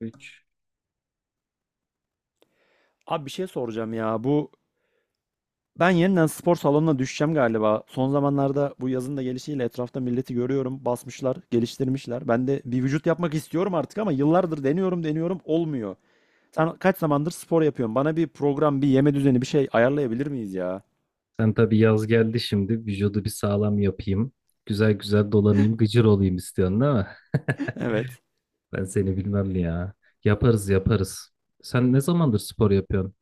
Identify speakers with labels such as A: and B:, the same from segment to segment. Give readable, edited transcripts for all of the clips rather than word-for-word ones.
A: Üç.
B: Abi bir şey soracağım ya. Ben yeniden spor salonuna düşeceğim galiba. Son zamanlarda bu yazın da gelişiyle etrafta milleti görüyorum. Basmışlar, geliştirmişler. Ben de bir vücut yapmak istiyorum artık ama yıllardır deniyorum, deniyorum olmuyor. Sen kaç zamandır spor yapıyorsun? Bana bir program, bir yeme düzeni, bir şey ayarlayabilir miyiz ya?
A: Sen tabii yaz geldi şimdi. Vücudu bir sağlam yapayım. Güzel güzel dolanayım, gıcır olayım istiyorsun değil mi?
B: Evet.
A: Ben seni bilmem ya. Yaparız yaparız. Sen ne zamandır spor yapıyorsun?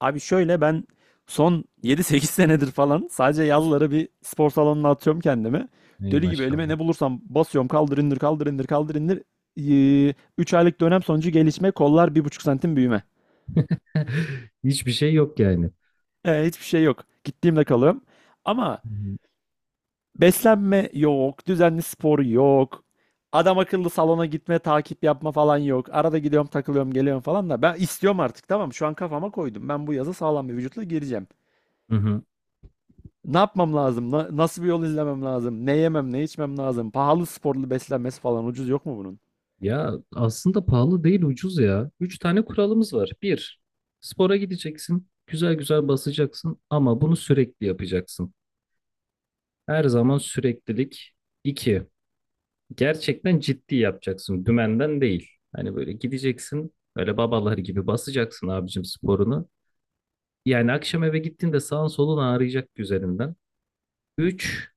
B: Abi şöyle ben son 7-8 senedir falan sadece yazları bir spor salonuna atıyorum kendimi.
A: Ey
B: Deli gibi elime
A: maşallah.
B: ne bulursam basıyorum, kaldır indir kaldır indir kaldır indir. 3 aylık dönem sonucu gelişme, kollar 1,5 santim büyüme.
A: Hiçbir şey yok yani.
B: E, hiçbir şey yok. Gittiğimde kalıyorum. Ama beslenme yok, düzenli spor yok. Adam akıllı salona gitme, takip yapma falan yok. Arada gidiyorum, takılıyorum, geliyorum falan da ben istiyorum artık, tamam mı? Şu an kafama koydum. Ben bu yazı sağlam bir vücutla gireceğim.
A: Hı hı.
B: Ne yapmam lazım? Nasıl bir yol izlemem lazım? Ne yemem, ne içmem lazım? Pahalı sporlu beslenmesi falan, ucuz yok mu bunun?
A: Ya aslında pahalı değil ucuz ya. Üç tane kuralımız var. Bir, spora gideceksin. Güzel güzel basacaksın ama bunu sürekli yapacaksın. Her zaman süreklilik. İki, gerçekten ciddi yapacaksın. Dümenden değil. Hani böyle gideceksin. Öyle babalar gibi basacaksın abicim sporunu. Yani akşam eve gittiğinde sağın solun ağrıyacak üzerinden. 3,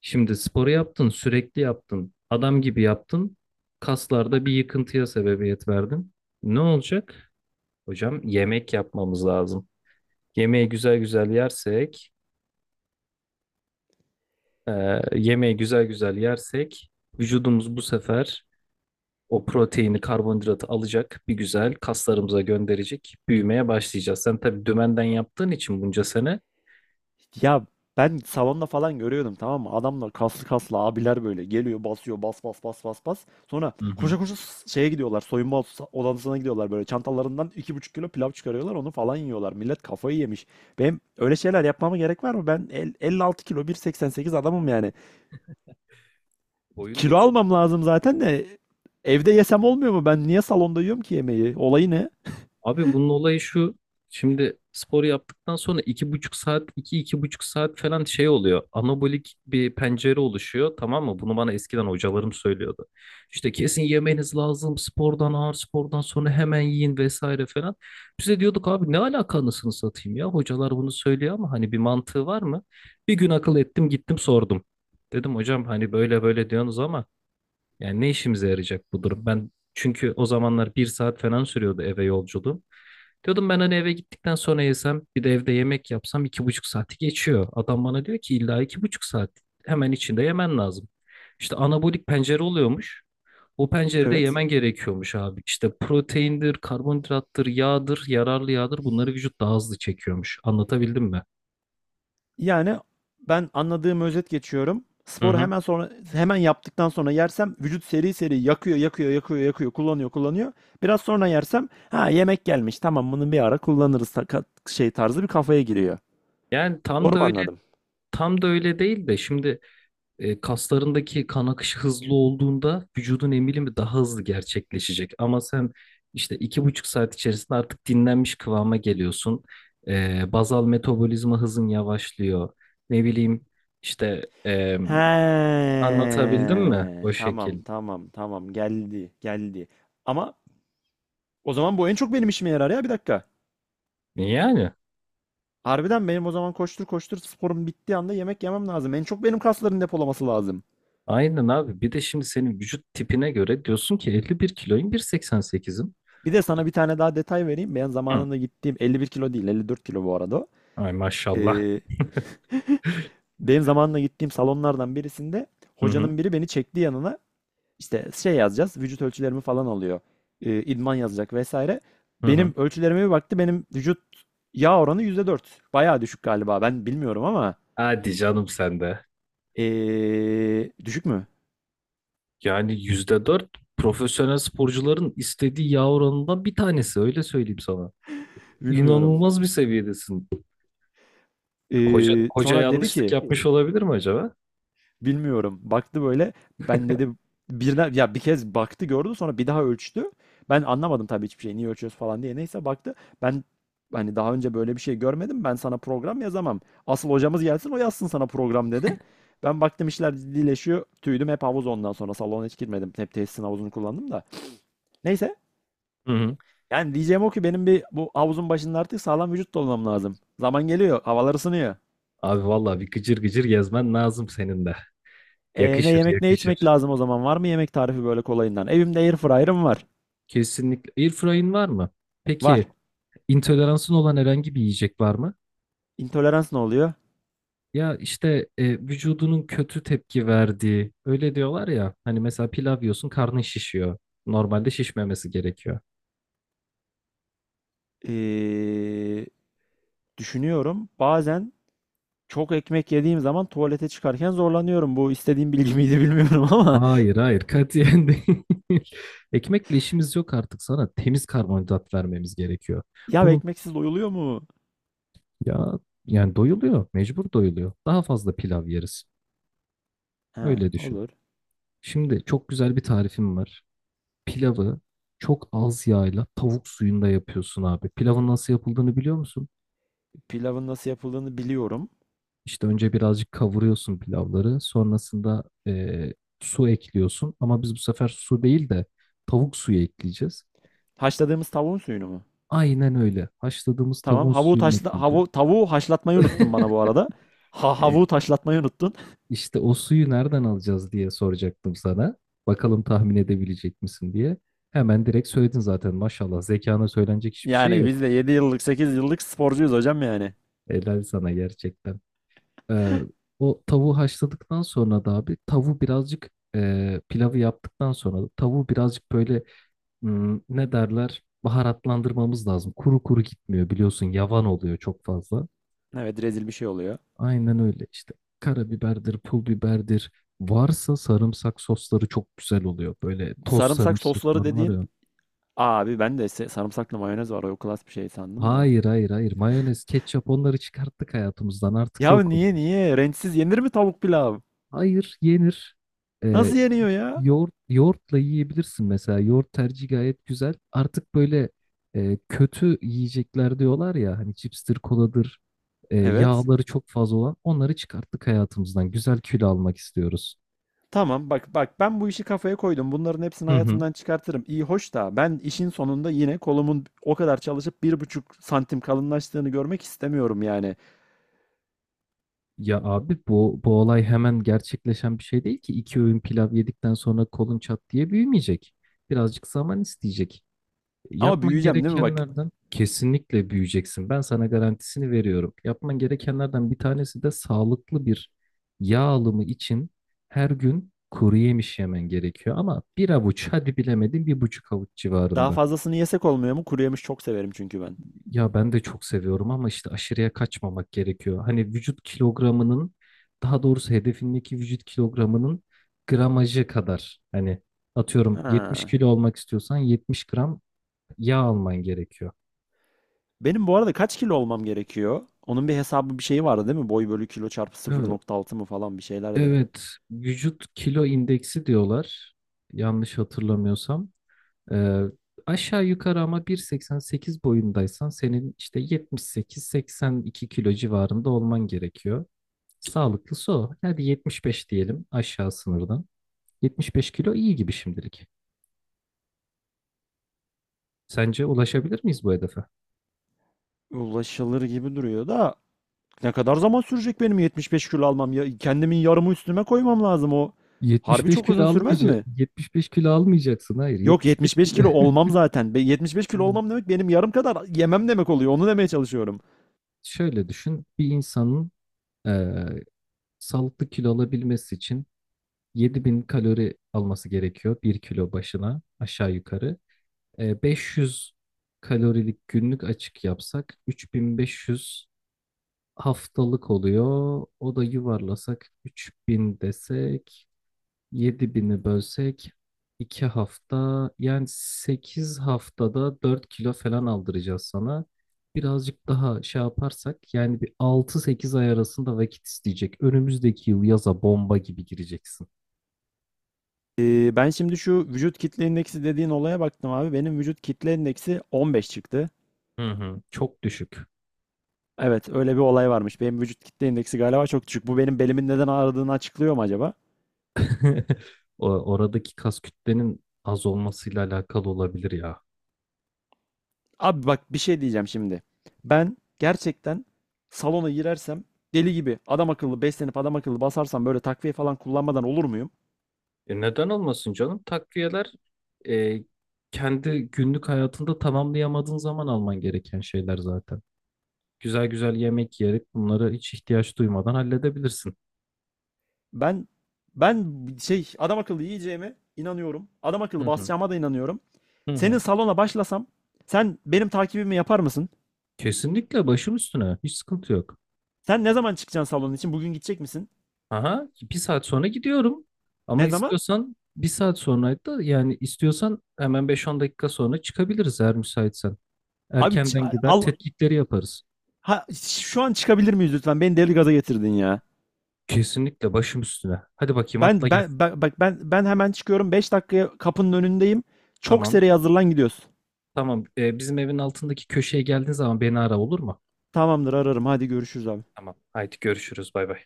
A: şimdi sporu yaptın, sürekli yaptın. Adam gibi yaptın. Kaslarda bir yıkıntıya sebebiyet verdin. Ne olacak? Hocam yemek yapmamız lazım. Yemeği güzel güzel yersek, e, yemeği güzel güzel yersek vücudumuz bu sefer o proteini, karbonhidratı alacak, bir güzel kaslarımıza gönderecek, büyümeye başlayacağız. Sen tabii dümenden yaptığın için bunca sene.
B: Ya ben salonda falan görüyordum, tamam mı? Adamlar kaslı kaslı abiler böyle geliyor, basıyor bas bas bas bas bas. Sonra
A: Hı hı.
B: koşa koşa şeye gidiyorlar, soyunma odasına gidiyorlar, böyle çantalarından 2,5 kilo pilav çıkarıyorlar, onu falan yiyorlar. Millet kafayı yemiş. Benim öyle şeyler yapmama gerek var mı? Ben 56 kilo 1,88 adamım yani.
A: Boyun da
B: Kilo
A: uzun.
B: almam lazım zaten de evde yesem olmuyor mu? Ben niye salonda yiyorum ki yemeği? Olayı ne?
A: Abi bunun olayı şu. Şimdi spor yaptıktan sonra iki buçuk saat, iki iki buçuk saat falan şey oluyor. Anabolik bir pencere oluşuyor, tamam mı? Bunu bana eskiden hocalarım söylüyordu. İşte kesin yemeniz lazım. Spordan, ağır spordan sonra hemen yiyin vesaire falan. Biz de diyorduk abi ne alaka anasını satayım ya. Hocalar bunu söylüyor ama hani bir mantığı var mı? Bir gün akıl ettim, gittim sordum. Dedim hocam hani böyle böyle diyorsunuz ama yani ne işimize yarayacak bu durum? Ben çünkü o zamanlar bir saat falan sürüyordu eve yolculuğum. Diyordum ben hani eve gittikten sonra yesem bir de evde yemek yapsam iki buçuk saati geçiyor. Adam bana diyor ki illa iki buçuk saat hemen içinde yemen lazım. İşte anabolik pencere oluyormuş. O pencerede
B: Evet.
A: yemen gerekiyormuş abi. İşte proteindir, karbonhidrattır, yağdır, yararlı yağdır, bunları vücut daha hızlı çekiyormuş. Anlatabildim mi?
B: Yani ben anladığım özet geçiyorum.
A: Hı
B: Sporu
A: hı.
B: hemen sonra, hemen yaptıktan sonra yersem vücut seri seri yakıyor, yakıyor, yakıyor, yakıyor, kullanıyor, kullanıyor. Biraz sonra yersem, ha, yemek gelmiş. Tamam, bunu bir ara kullanırız, şey tarzı bir kafaya giriyor.
A: Yani
B: Doğru mu anladım?
A: tam da öyle değil de şimdi. E, kaslarındaki kan akışı hızlı olduğunda vücudun emilimi daha hızlı gerçekleşecek. Ama sen işte iki buçuk saat içerisinde artık dinlenmiş kıvama geliyorsun. E, bazal metabolizma hızın yavaşlıyor. Ne bileyim işte,
B: He,
A: anlatabildim mi o
B: tamam,
A: şekil?
B: tamam, tamam, geldi, geldi. Ama o zaman bu en çok benim işime yarar ya, bir dakika.
A: Yani
B: Harbiden benim o zaman koştur koştur sporum bittiği anda yemek yemem lazım. En çok benim kasların depolaması lazım.
A: aynen abi. Bir de şimdi senin vücut tipine göre diyorsun ki 51 kiloyum, 1.88'im.
B: Bir de sana bir tane daha detay vereyim. Ben
A: Hı.
B: zamanında gittiğim 51 kilo değil, 54 kilo bu arada. O.
A: Ay maşallah.
B: Ee, Benim zamanında gittiğim salonlardan birisinde
A: Hı hı.
B: hocanın biri beni çekti yanına. İşte şey yazacağız, vücut ölçülerimi falan alıyor. İdman yazacak vesaire.
A: Hı hı.
B: Benim ölçülerime bir baktı, benim vücut yağ oranı %4. Bayağı düşük galiba, ben bilmiyorum ama.
A: Hadi canım sen de.
B: Düşük mü?
A: Yani yüzde dört, profesyonel sporcuların istediği yağ oranından bir tanesi, öyle söyleyeyim sana.
B: Bilmiyorum.
A: İnanılmaz bir seviyedesin. Hoca, hoca
B: Sonra dedi
A: yanlışlık
B: ki
A: yapmış olabilir mi acaba?
B: bilmiyorum. Baktı böyle. Ben dedi, birden ya bir kez baktı gördü, sonra bir daha ölçtü. Ben anlamadım tabii hiçbir şey. Niye ölçüyoruz falan diye. Neyse baktı. Ben hani daha önce böyle bir şey görmedim. Ben sana program yazamam. Asıl hocamız gelsin, o yazsın sana program, dedi. Ben baktım işler ciddileşiyor. Tüydüm hep havuz ondan sonra. Salona hiç girmedim. Hep tesisin havuzunu kullandım da. Neyse.
A: Hı hı.
B: Yani diyeceğim o ki benim bir bu havuzun başında artık sağlam vücut dolamam lazım. Zaman geliyor. Havalar ısınıyor.
A: Abi vallahi bir gıcır gıcır gezmen lazım senin de.
B: E, ne
A: Yakışır
B: yemek ne içmek
A: yakışır.
B: lazım o zaman? Var mı yemek tarifi böyle kolayından? Evimde air fryer'ım var.
A: Kesinlikle. Airfryer'in var mı? Peki
B: Var.
A: intoleransın olan herhangi bir yiyecek var mı?
B: İntolerans ne oluyor?
A: Ya işte, vücudunun kötü tepki verdiği, öyle diyorlar ya hani, mesela pilav yiyorsun karnın şişiyor. Normalde şişmemesi gerekiyor.
B: Ee, Düşünüyorum. Bazen çok ekmek yediğim zaman tuvalete çıkarken zorlanıyorum. Bu istediğim bilgi miydi bilmiyorum ama
A: Hayır hayır, katiyen değil. Ekmekle işimiz yok, artık sana temiz karbonhidrat vermemiz gerekiyor.
B: ya,
A: Bunu
B: ekmeksiz doyuluyor mu?
A: ya Yani doyuluyor, mecbur doyuluyor. Daha fazla pilav yeriz,
B: He,
A: öyle düşün.
B: olur.
A: Şimdi çok güzel bir tarifim var. Pilavı çok az yağla tavuk suyunda yapıyorsun abi. Pilavın nasıl yapıldığını biliyor musun?
B: Pilavın nasıl yapıldığını biliyorum.
A: İşte önce birazcık kavuruyorsun pilavları. Sonrasında su ekliyorsun. Ama biz bu sefer su değil de tavuk suyu ekleyeceğiz.
B: Haşladığımız tavuğun suyunu mu?
A: Aynen öyle. Haşladığımız
B: Tamam.
A: tavuğun
B: Havuğu
A: suyunu
B: taşla,
A: ekleyeceğiz.
B: havu tavuğu haşlatmayı unuttun bana bu arada. Ha,
A: E,
B: havuğu taşlatmayı unuttun.
A: işte o suyu nereden alacağız diye soracaktım sana. Bakalım tahmin edebilecek misin diye. Hemen direkt söyledin zaten, maşallah. Zekana söylenecek hiçbir şey
B: Yani
A: yok.
B: biz de 7-8 yıllık sporcuyuz hocam yani.
A: Helal sana gerçekten. Ee, o tavuğu haşladıktan sonra da abi tavuğu birazcık e, pilavı yaptıktan sonra da tavuğu birazcık böyle, ne derler, baharatlandırmamız lazım. Kuru kuru gitmiyor, biliyorsun yavan oluyor çok fazla.
B: Evet, rezil bir şey oluyor.
A: Aynen öyle işte, karabiberdir, pul biberdir. Varsa sarımsak sosları çok güzel oluyor. Böyle toz
B: Sarımsak sosları
A: sarımsaklar var
B: dediğin,
A: ya.
B: abi ben de sarımsaklı mayonez var. O klas bir şey sandım da.
A: Hayır hayır hayır, mayonez, ketçap, onları çıkarttık hayatımızdan, artık
B: Ya,
A: yok
B: niye
A: onlar.
B: niye? Renksiz yenir mi tavuk pilav?
A: Hayır, yenir. Ee,
B: Nasıl yeniyor ya?
A: Yoğurtla yiyebilirsin mesela. Yoğurt tercihi gayet güzel. Artık böyle, kötü yiyecekler diyorlar ya hani, cipstir, koladır,
B: Evet.
A: yağları çok fazla olan, onları çıkarttık hayatımızdan. Güzel kilo almak istiyoruz.
B: Tamam bak bak, ben bu işi kafaya koydum. Bunların hepsini
A: Hı hı.
B: hayatımdan çıkartırım. İyi hoş da ben işin sonunda yine kolumun o kadar çalışıp 1,5 santim kalınlaştığını görmek istemiyorum yani.
A: Ya abi bu olay hemen gerçekleşen bir şey değil ki. İki öğün pilav yedikten sonra kolun çat diye büyümeyecek. Birazcık zaman isteyecek.
B: Ama
A: Yapman
B: büyüyeceğim değil mi bak?
A: gerekenlerden kesinlikle büyüyeceksin. Ben sana garantisini veriyorum. Yapman gerekenlerden bir tanesi de sağlıklı bir yağ alımı için her gün kuru yemiş yemen gerekiyor. Ama bir avuç, hadi bilemedin bir buçuk avuç
B: Daha
A: civarında.
B: fazlasını yesek olmuyor mu? Kuru yemiş çok severim çünkü ben.
A: Ya ben de çok seviyorum ama işte aşırıya kaçmamak gerekiyor. Hani vücut kilogramının, daha doğrusu hedefindeki vücut kilogramının gramajı kadar. Hani atıyorum 70
B: Ha.
A: kilo olmak istiyorsan 70 gram yağ alman gerekiyor.
B: Benim bu arada kaç kilo olmam gerekiyor? Onun bir hesabı bir şeyi vardı değil mi? Boy bölü kilo çarpı
A: Ee,
B: 0,6 mı falan bir şeylerdi.
A: Evet, vücut kilo indeksi diyorlar. Yanlış hatırlamıyorsam. Ee, aşağı yukarı, ama 1.88 boyundaysan senin işte 78-82 kilo civarında olman gerekiyor. Sağlıklısı o. Hadi 75 diyelim aşağı sınırdan. 75 kilo iyi gibi şimdilik. Sence ulaşabilir miyiz bu hedefe?
B: Ulaşılır gibi duruyor da ne kadar zaman sürecek benim 75 kilo almam? Ya kendimin yarımı üstüme koymam lazım o. Harbi
A: 75
B: çok
A: kilo
B: uzun sürmez
A: almayacak,
B: mi?
A: 75 kilo almayacaksın. Hayır,
B: Yok,
A: 75
B: 75
A: kilo.
B: kilo olmam zaten. 75 kilo
A: Hmm.
B: olmam demek benim yarım kadar yemem demek oluyor. Onu demeye çalışıyorum.
A: Şöyle düşün, bir insanın eee, sağlıklı kilo alabilmesi için 7.000 kalori alması gerekiyor bir kilo başına aşağı yukarı. E, 500 kalorilik günlük açık yapsak 3.500 haftalık oluyor. O da yuvarlasak 3.000 desek, 7.000'i bölsek 2 hafta, yani 8 haftada 4 kilo falan aldıracağız sana. Birazcık daha şey yaparsak yani bir altı sekiz ay arasında vakit isteyecek. Önümüzdeki yıl yaza bomba gibi gireceksin.
B: Ben şimdi şu vücut kitle indeksi dediğin olaya baktım abi. Benim vücut kitle indeksi 15 çıktı.
A: Hı hı. Çok düşük.
B: Evet, öyle bir olay varmış. Benim vücut kitle indeksi galiba çok düşük. Bu benim belimin neden ağrıdığını açıklıyor mu acaba?
A: Oradaki kas kütlenin az olmasıyla alakalı olabilir ya.
B: Abi bak bir şey diyeceğim şimdi. Ben gerçekten salona girersem, deli gibi adam akıllı beslenip adam akıllı basarsam, böyle takviye falan kullanmadan olur muyum?
A: E neden olmasın canım? Takviyeler, e, kendi günlük hayatında tamamlayamadığın zaman alman gereken şeyler zaten. Güzel güzel yemek yiyerek bunları hiç ihtiyaç duymadan halledebilirsin.
B: Ben ben adam akıllı yiyeceğime inanıyorum. Adam
A: Hı
B: akıllı
A: hı.
B: basacağıma da inanıyorum.
A: Hı
B: Senin
A: hı.
B: salona başlasam sen benim takibimi yapar mısın?
A: Kesinlikle başım üstüne. Hiç sıkıntı yok.
B: Sen ne zaman çıkacaksın salonun için? Bugün gidecek misin?
A: Aha, bir saat sonra gidiyorum. Ama
B: Ne zaman?
A: istiyorsan bir saat sonra da, yani istiyorsan hemen beş on dakika sonra çıkabiliriz, eğer müsaitsen.
B: Abi,
A: Erkenden gider
B: al,
A: tetkikleri yaparız.
B: ha, şu an çıkabilir miyiz lütfen? Beni deli gaza getirdin ya.
A: Kesinlikle başım üstüne. Hadi bakayım atla
B: Ben
A: gel.
B: ben bak bak ben hemen çıkıyorum. 5 dakikaya kapının önündeyim. Çok
A: Tamam.
B: seri hazırlan, gidiyoruz.
A: Tamam. Bizim evin altındaki köşeye geldiğin zaman beni ara, olur mu?
B: Tamamdır, ararım. Hadi görüşürüz abi.
A: Tamam. Haydi görüşürüz. Bay bay.